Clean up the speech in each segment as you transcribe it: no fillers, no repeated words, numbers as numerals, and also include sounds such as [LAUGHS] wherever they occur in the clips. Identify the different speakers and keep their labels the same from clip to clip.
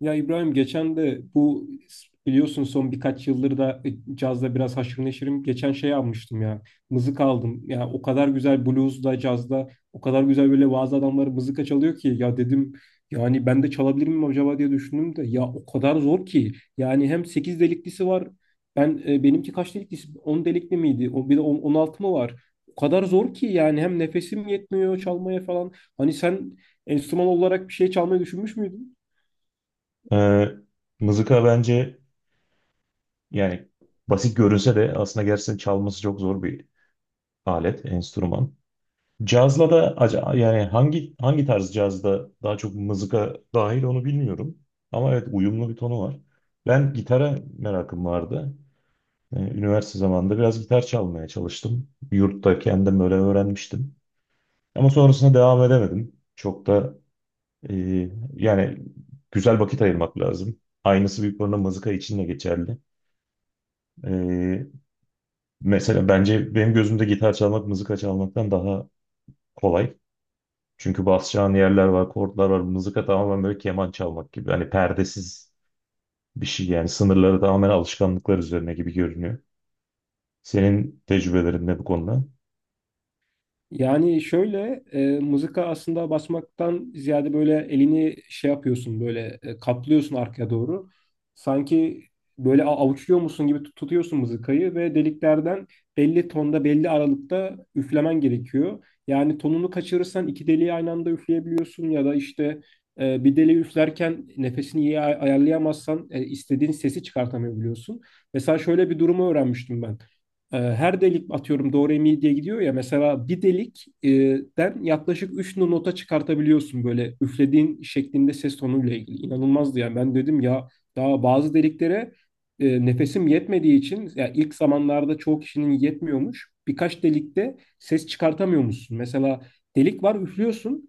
Speaker 1: Ya İbrahim, geçen de bu biliyorsun son birkaç yıldır da cazda biraz haşır neşirim. Geçen şey almıştım ya. Mızık aldım. Ya o kadar güzel bluesda, cazda o kadar güzel böyle bazı adamları mızıka çalıyor ki ya dedim yani ben de çalabilir miyim acaba diye düşündüm de ya o kadar zor ki. Yani hem 8 deliklisi var. Ben benimki kaç deliklisi? On delikli miydi? O bir de 16 mı var? O kadar zor ki yani hem nefesim yetmiyor çalmaya falan. Hani sen enstrüman olarak bir şey çalmayı düşünmüş müydün?
Speaker 2: Ee, mızıka bence yani basit görünse de aslında gerçekten çalması çok zor bir alet, enstrüman. Cazla da yani hangi tarz cazda daha çok mızıka dahil onu bilmiyorum. Ama evet, uyumlu bir tonu var. Ben gitara merakım vardı. Üniversite zamanında biraz gitar çalmaya çalıştım. Yurtta kendim böyle öğrenmiştim. Ama sonrasında devam edemedim. Çok da e, yani güzel vakit ayırmak lazım. Aynısı büyük oranda mızıka için de geçerli. Ee, mesela bence benim gözümde gitar çalmak mızıka çalmaktan daha kolay. Çünkü basacağın yerler var, kordlar var. Mızıka tamamen böyle keman çalmak gibi. Hani perdesiz bir şey, yani sınırları tamamen alışkanlıklar üzerine gibi görünüyor. Senin tecrübelerin ne bu konuda?
Speaker 1: Yani şöyle mızıka aslında basmaktan ziyade böyle elini şey yapıyorsun böyle kaplıyorsun arkaya doğru. Sanki böyle avuçluyor musun gibi tutuyorsun mızıkayı ve deliklerden belli tonda belli aralıkta üflemen gerekiyor. Yani tonunu kaçırırsan iki deliği aynı anda üfleyebiliyorsun ya da işte bir deliği üflerken nefesini iyi ayarlayamazsan istediğin sesi çıkartamayabiliyorsun. Mesela şöyle bir durumu öğrenmiştim ben. Her delik atıyorum do re mi diye gidiyor ya mesela bir delikten e, den yaklaşık 3 nota çıkartabiliyorsun böyle üflediğin şeklinde ses tonuyla ilgili. İnanılmazdı yani ben dedim ya daha bazı deliklere nefesim yetmediği için ya ilk zamanlarda çoğu kişinin yetmiyormuş. Birkaç delikte ses çıkartamıyormuşsun. Mesela delik var üflüyorsun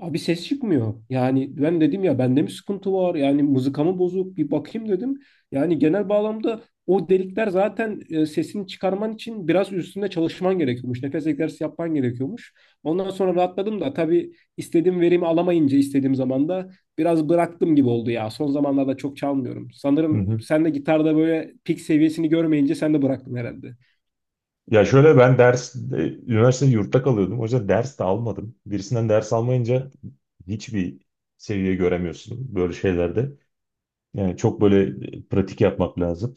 Speaker 1: abi ses çıkmıyor. Yani ben dedim ya bende mi sıkıntı var yani mızıkamı bozuk bir bakayım dedim. Yani genel bağlamda o delikler zaten sesini çıkarman için biraz üstünde çalışman gerekiyormuş. Nefes egzersizi yapman gerekiyormuş. Ondan sonra rahatladım da tabii istediğim verimi alamayınca istediğim zaman da biraz bıraktım gibi oldu ya. Son zamanlarda çok çalmıyorum.
Speaker 2: Hı
Speaker 1: Sanırım
Speaker 2: hı.
Speaker 1: sen de gitarda böyle pik seviyesini görmeyince sen de bıraktın herhalde.
Speaker 2: Ya şöyle, ben ders, üniversitede yurtta kalıyordum. O yüzden ders de almadım. Birisinden ders almayınca hiçbir seviye göremiyorsun böyle şeylerde. Yani çok böyle pratik yapmak lazım.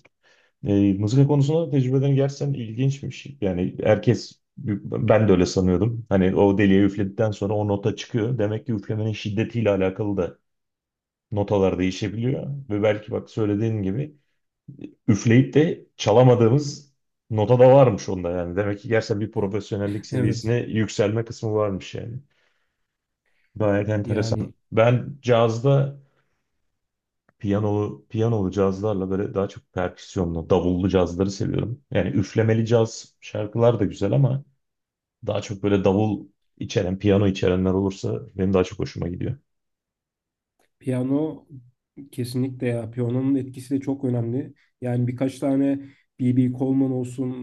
Speaker 2: E, mızıka konusunda tecrübelerin gerçekten ilginçmiş. Yani herkes, ben de öyle sanıyordum. Hani o deliğe üfledikten sonra o nota çıkıyor. Demek ki üflemenin şiddetiyle alakalı da notalar değişebiliyor. Ve belki bak söylediğin gibi üfleyip de çalamadığımız nota da varmış onda yani. Demek ki gerçekten bir profesyonellik
Speaker 1: [LAUGHS] Evet.
Speaker 2: seviyesine yükselme kısmı varmış yani. Gayet enteresan.
Speaker 1: Yani.
Speaker 2: Ben cazda piyanolu cazlarla böyle daha çok perküsyonlu, davullu cazları seviyorum. Yani üflemeli caz şarkılar da güzel ama daha çok böyle davul içeren, piyano içerenler olursa benim daha çok hoşuma gidiyor.
Speaker 1: Piyano kesinlikle ya. Piyanonun etkisi de çok önemli. Yani birkaç tane B.B. Coleman olsun,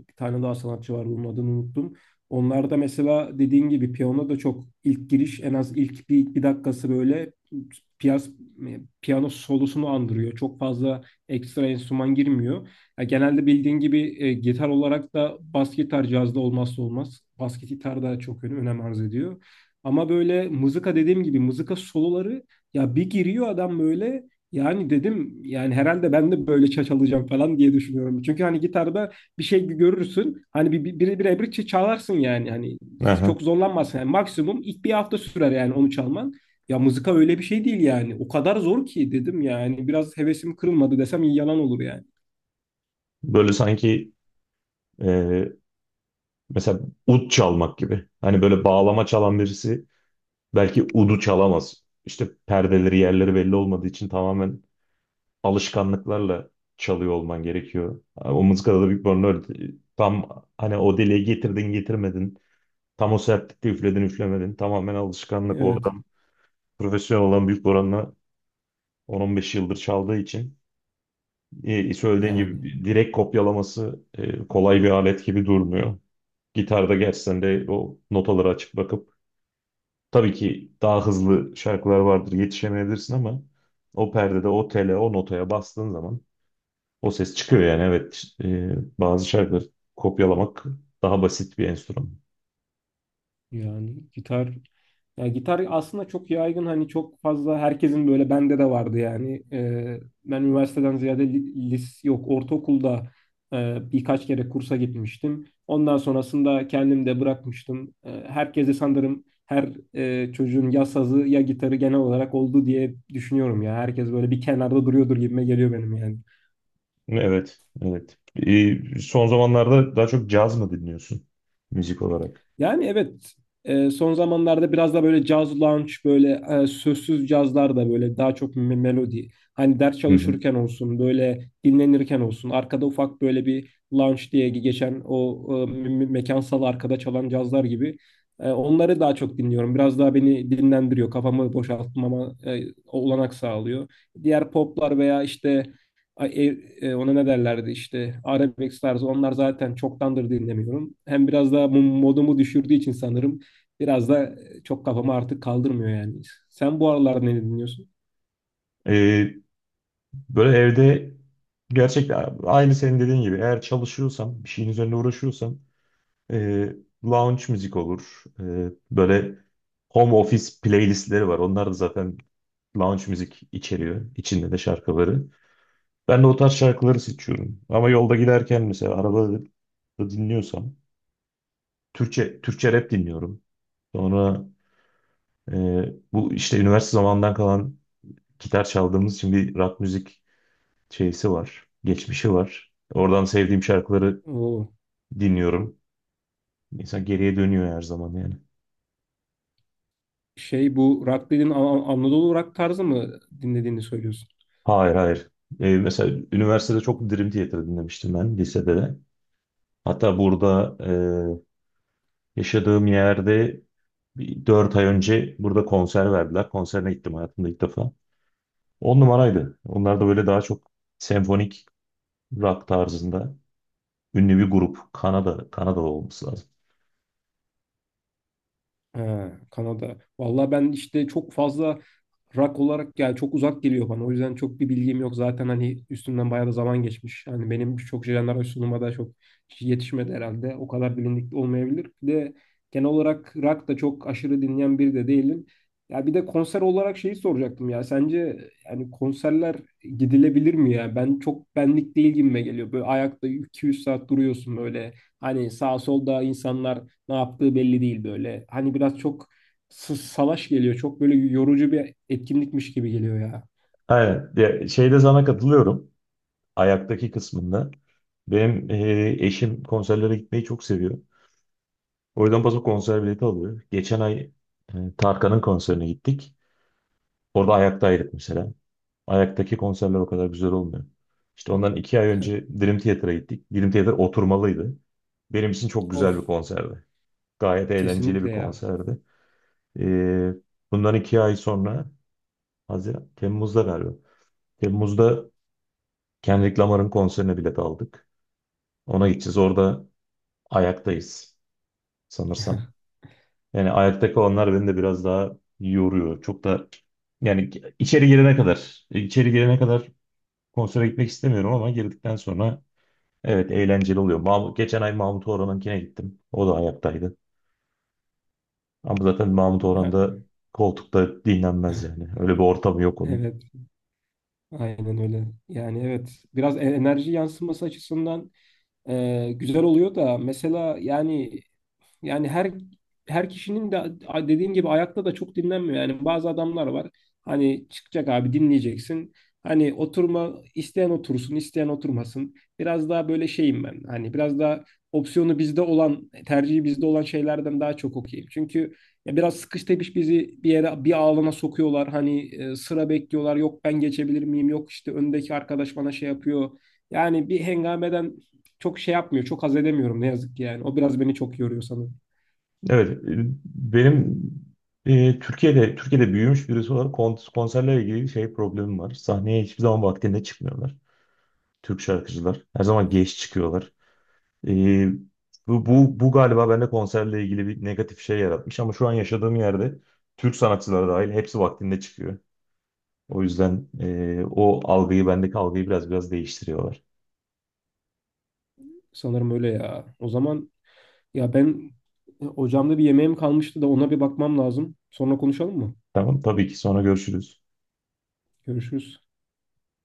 Speaker 1: bir tane daha sanatçı var bunun adını unuttum. Onlar da mesela dediğin gibi piyano da çok ilk giriş, en az ilk bir dakikası böyle piyas, piyano solosunu andırıyor. Çok fazla ekstra enstrüman girmiyor. Ya genelde bildiğin gibi gitar olarak da bas gitar cazda olmazsa olmaz. Bas gitar da çok önem arz ediyor. Ama böyle mızıka dediğim gibi, mızıka soloları, ya bir giriyor adam böyle, yani dedim yani herhalde ben de böyle çalacağım falan diye düşünüyorum. Çünkü hani gitarda bir şey görürsün. Hani bir ebrikçe çalarsın yani. Hani
Speaker 2: Aha.
Speaker 1: çok zorlanmazsın. Yani maksimum ilk bir hafta sürer yani onu çalman. Ya mızıka öyle bir şey değil yani. O kadar zor ki dedim yani. Biraz hevesim kırılmadı desem yalan olur yani.
Speaker 2: Böyle sanki e, mesela ud çalmak gibi. Hani böyle bağlama çalan birisi belki udu çalamaz. İşte perdeleri, yerleri belli olmadığı için tamamen alışkanlıklarla çalıyor olman gerekiyor. O mızıkada da büyük bir Bang öyle. Tam hani o deliğe getirdin getirmedin, tam o sertlikte üfledin üflemedin. Tamamen alışkanlık. O
Speaker 1: Evet.
Speaker 2: adam profesyonel olan büyük oranla 10-15 yıldır çaldığı için söylediğin
Speaker 1: Yani.
Speaker 2: gibi direkt kopyalaması kolay bir alet gibi durmuyor. Gitarda gerçekten de o notaları açıp bakıp tabii ki daha hızlı şarkılar vardır, yetişemeyebilirsin, ama o perdede o tele o notaya bastığın zaman o ses çıkıyor. Yani evet, işte, bazı şarkıları kopyalamak daha basit bir enstrüman.
Speaker 1: Yani gitar, ya gitar aslında çok yaygın, hani çok fazla herkesin, böyle bende de vardı yani. Ben üniversiteden ziyade, li- lis yok, ortaokulda birkaç kere kursa gitmiştim. Ondan sonrasında kendim de bırakmıştım. Herkese sanırım, her çocuğun ya sazı ya gitarı genel olarak oldu diye düşünüyorum ya. Herkes böyle bir kenarda duruyordur gibime geliyor benim yani.
Speaker 2: Evet, evet. Son zamanlarda daha çok caz mı dinliyorsun müzik olarak?
Speaker 1: Yani evet, son zamanlarda biraz da böyle caz lounge, böyle sözsüz cazlar, da böyle daha çok melodi. Hani ders
Speaker 2: Hı hı.
Speaker 1: çalışırken olsun böyle dinlenirken olsun arkada ufak böyle bir lounge diye geçen o mekansal arkada çalan cazlar gibi. Onları daha çok dinliyorum. Biraz daha beni dinlendiriyor, kafamı boşaltmama olanak sağlıyor. Diğer poplar veya işte e, ona ne derlerdi işte arabesk tarzı, onlar zaten çoktandır dinlemiyorum. Hem biraz da modumu düşürdüğü için sanırım, biraz da çok kafamı artık kaldırmıyor yani. Sen bu aralar ne dinliyorsun?
Speaker 2: Ee, böyle evde gerçekten aynı senin dediğin gibi eğer çalışıyorsam, bir şeyin üzerine uğraşıyorsam e, lounge müzik olur. E, böyle home office playlistleri var. Onlar da zaten lounge müzik içeriyor. İçinde de şarkıları. Ben de o tarz şarkıları seçiyorum. Ama yolda giderken mesela arabada dinliyorsam Türkçe rap dinliyorum. Sonra bu işte üniversite zamanından kalan gitar çaldığımız için bir rock müzik şeysi var. Geçmişi var. Oradan sevdiğim şarkıları
Speaker 1: Oo,
Speaker 2: dinliyorum. İnsan geriye dönüyor her zaman yani.
Speaker 1: şey, bu rock dediğin Anadolu rock tarzı mı dinlediğini söylüyorsun?
Speaker 2: Hayır, hayır. Mesela üniversitede çok Dream Theater dinlemiştim, ben lisede de. Hatta burada yaşadığım yerde 4 ay önce burada konser verdiler. Konserine gittim hayatımda ilk defa. 10 numaraydı. Onlar da böyle daha çok senfonik rock tarzında ünlü bir grup. Kanada olması lazım.
Speaker 1: Ha, Kanada. Vallahi ben işte çok fazla rock olarak yani çok uzak geliyor bana. O yüzden çok bir bilgim yok. Zaten hani üstünden bayağı da zaman geçmiş. Yani benim çok jenerasyon sunuma da çok yetişmedi herhalde. O kadar bilindik olmayabilir. Bir de genel olarak rock da çok aşırı dinleyen biri de değilim. Ya bir de konser olarak şeyi soracaktım ya. Sence yani konserler gidilebilir mi ya? Ben çok benlik değil gibime geliyor. Böyle ayakta 200 saat duruyorsun böyle. Hani sağ solda insanlar ne yaptığı belli değil böyle. Hani biraz çok salaş geliyor. Çok böyle yorucu bir etkinlikmiş gibi geliyor ya.
Speaker 2: Aynen. Ya, şeyde sana katılıyorum. Ayaktaki kısmında. Benim eşim konserlere gitmeyi çok seviyor. O yüzden paso konser bileti alıyor. Geçen ay Tarkan'ın konserine gittik. Orada ayaktaydık mesela. Ayaktaki konserler o kadar güzel olmuyor. İşte ondan 2 ay önce
Speaker 1: [LAUGHS]
Speaker 2: Dream Theater'a gittik. Dream Theater oturmalıydı. Benim için çok
Speaker 1: Of,
Speaker 2: güzel bir konserdi. Gayet eğlenceli
Speaker 1: kesinlikle
Speaker 2: bir
Speaker 1: ya.
Speaker 2: konserdi. E, bundan 2 ay sonra, Haziran, Temmuz'da galiba. Temmuz'da Kendrick Lamar'ın konserine bilet aldık. Ona gideceğiz. Orada ayaktayız sanırsam. Yani ayakta kalanlar beni de biraz daha yoruyor. Çok da yani içeri girene kadar konsere gitmek istemiyorum, ama girdikten sonra evet, eğlenceli oluyor. Mahmut, geçen ay Mahmut Orhan'ınkine gittim. O da ayaktaydı. Ama zaten Mahmut
Speaker 1: Yani,
Speaker 2: Orhan'da koltukta dinlenmez yani. Öyle bir ortamı yok onun.
Speaker 1: [LAUGHS] evet. Aynen öyle. Yani evet, biraz enerji yansıması açısından güzel oluyor da, mesela yani, yani her kişinin de dediğin gibi ayakta da çok dinlenmiyor. Yani bazı adamlar var. Hani çıkacak abi dinleyeceksin. Hani oturma, isteyen otursun, isteyen oturmasın. Biraz daha böyle şeyim ben. Hani biraz daha opsiyonu bizde olan, tercihi bizde olan şeylerden daha çok okuyayım. Çünkü ya biraz sıkış tepiş bizi bir yere, bir alana sokuyorlar. Hani sıra bekliyorlar. Yok ben geçebilir miyim? Yok işte öndeki arkadaş bana şey yapıyor. Yani bir hengameden çok şey yapmıyor. Çok haz edemiyorum ne yazık ki yani. O biraz beni çok yoruyor sanırım.
Speaker 2: Evet, benim Türkiye'de büyümüş birisi olarak konserlerle ilgili şey problemim var. Sahneye hiçbir zaman vaktinde çıkmıyorlar. Türk şarkıcılar. Her zaman geç çıkıyorlar. Ee, bu galiba bende konserle ilgili bir negatif şey yaratmış, ama şu an yaşadığım yerde Türk sanatçıları dahil hepsi vaktinde çıkıyor. O yüzden o algıyı, bendeki algıyı biraz değiştiriyorlar.
Speaker 1: Sanırım öyle ya. O zaman ya ben ocağımda bir yemeğim kalmıştı da ona bir bakmam lazım. Sonra konuşalım mı?
Speaker 2: Tamam, tabii ki sonra görüşürüz.
Speaker 1: Görüşürüz.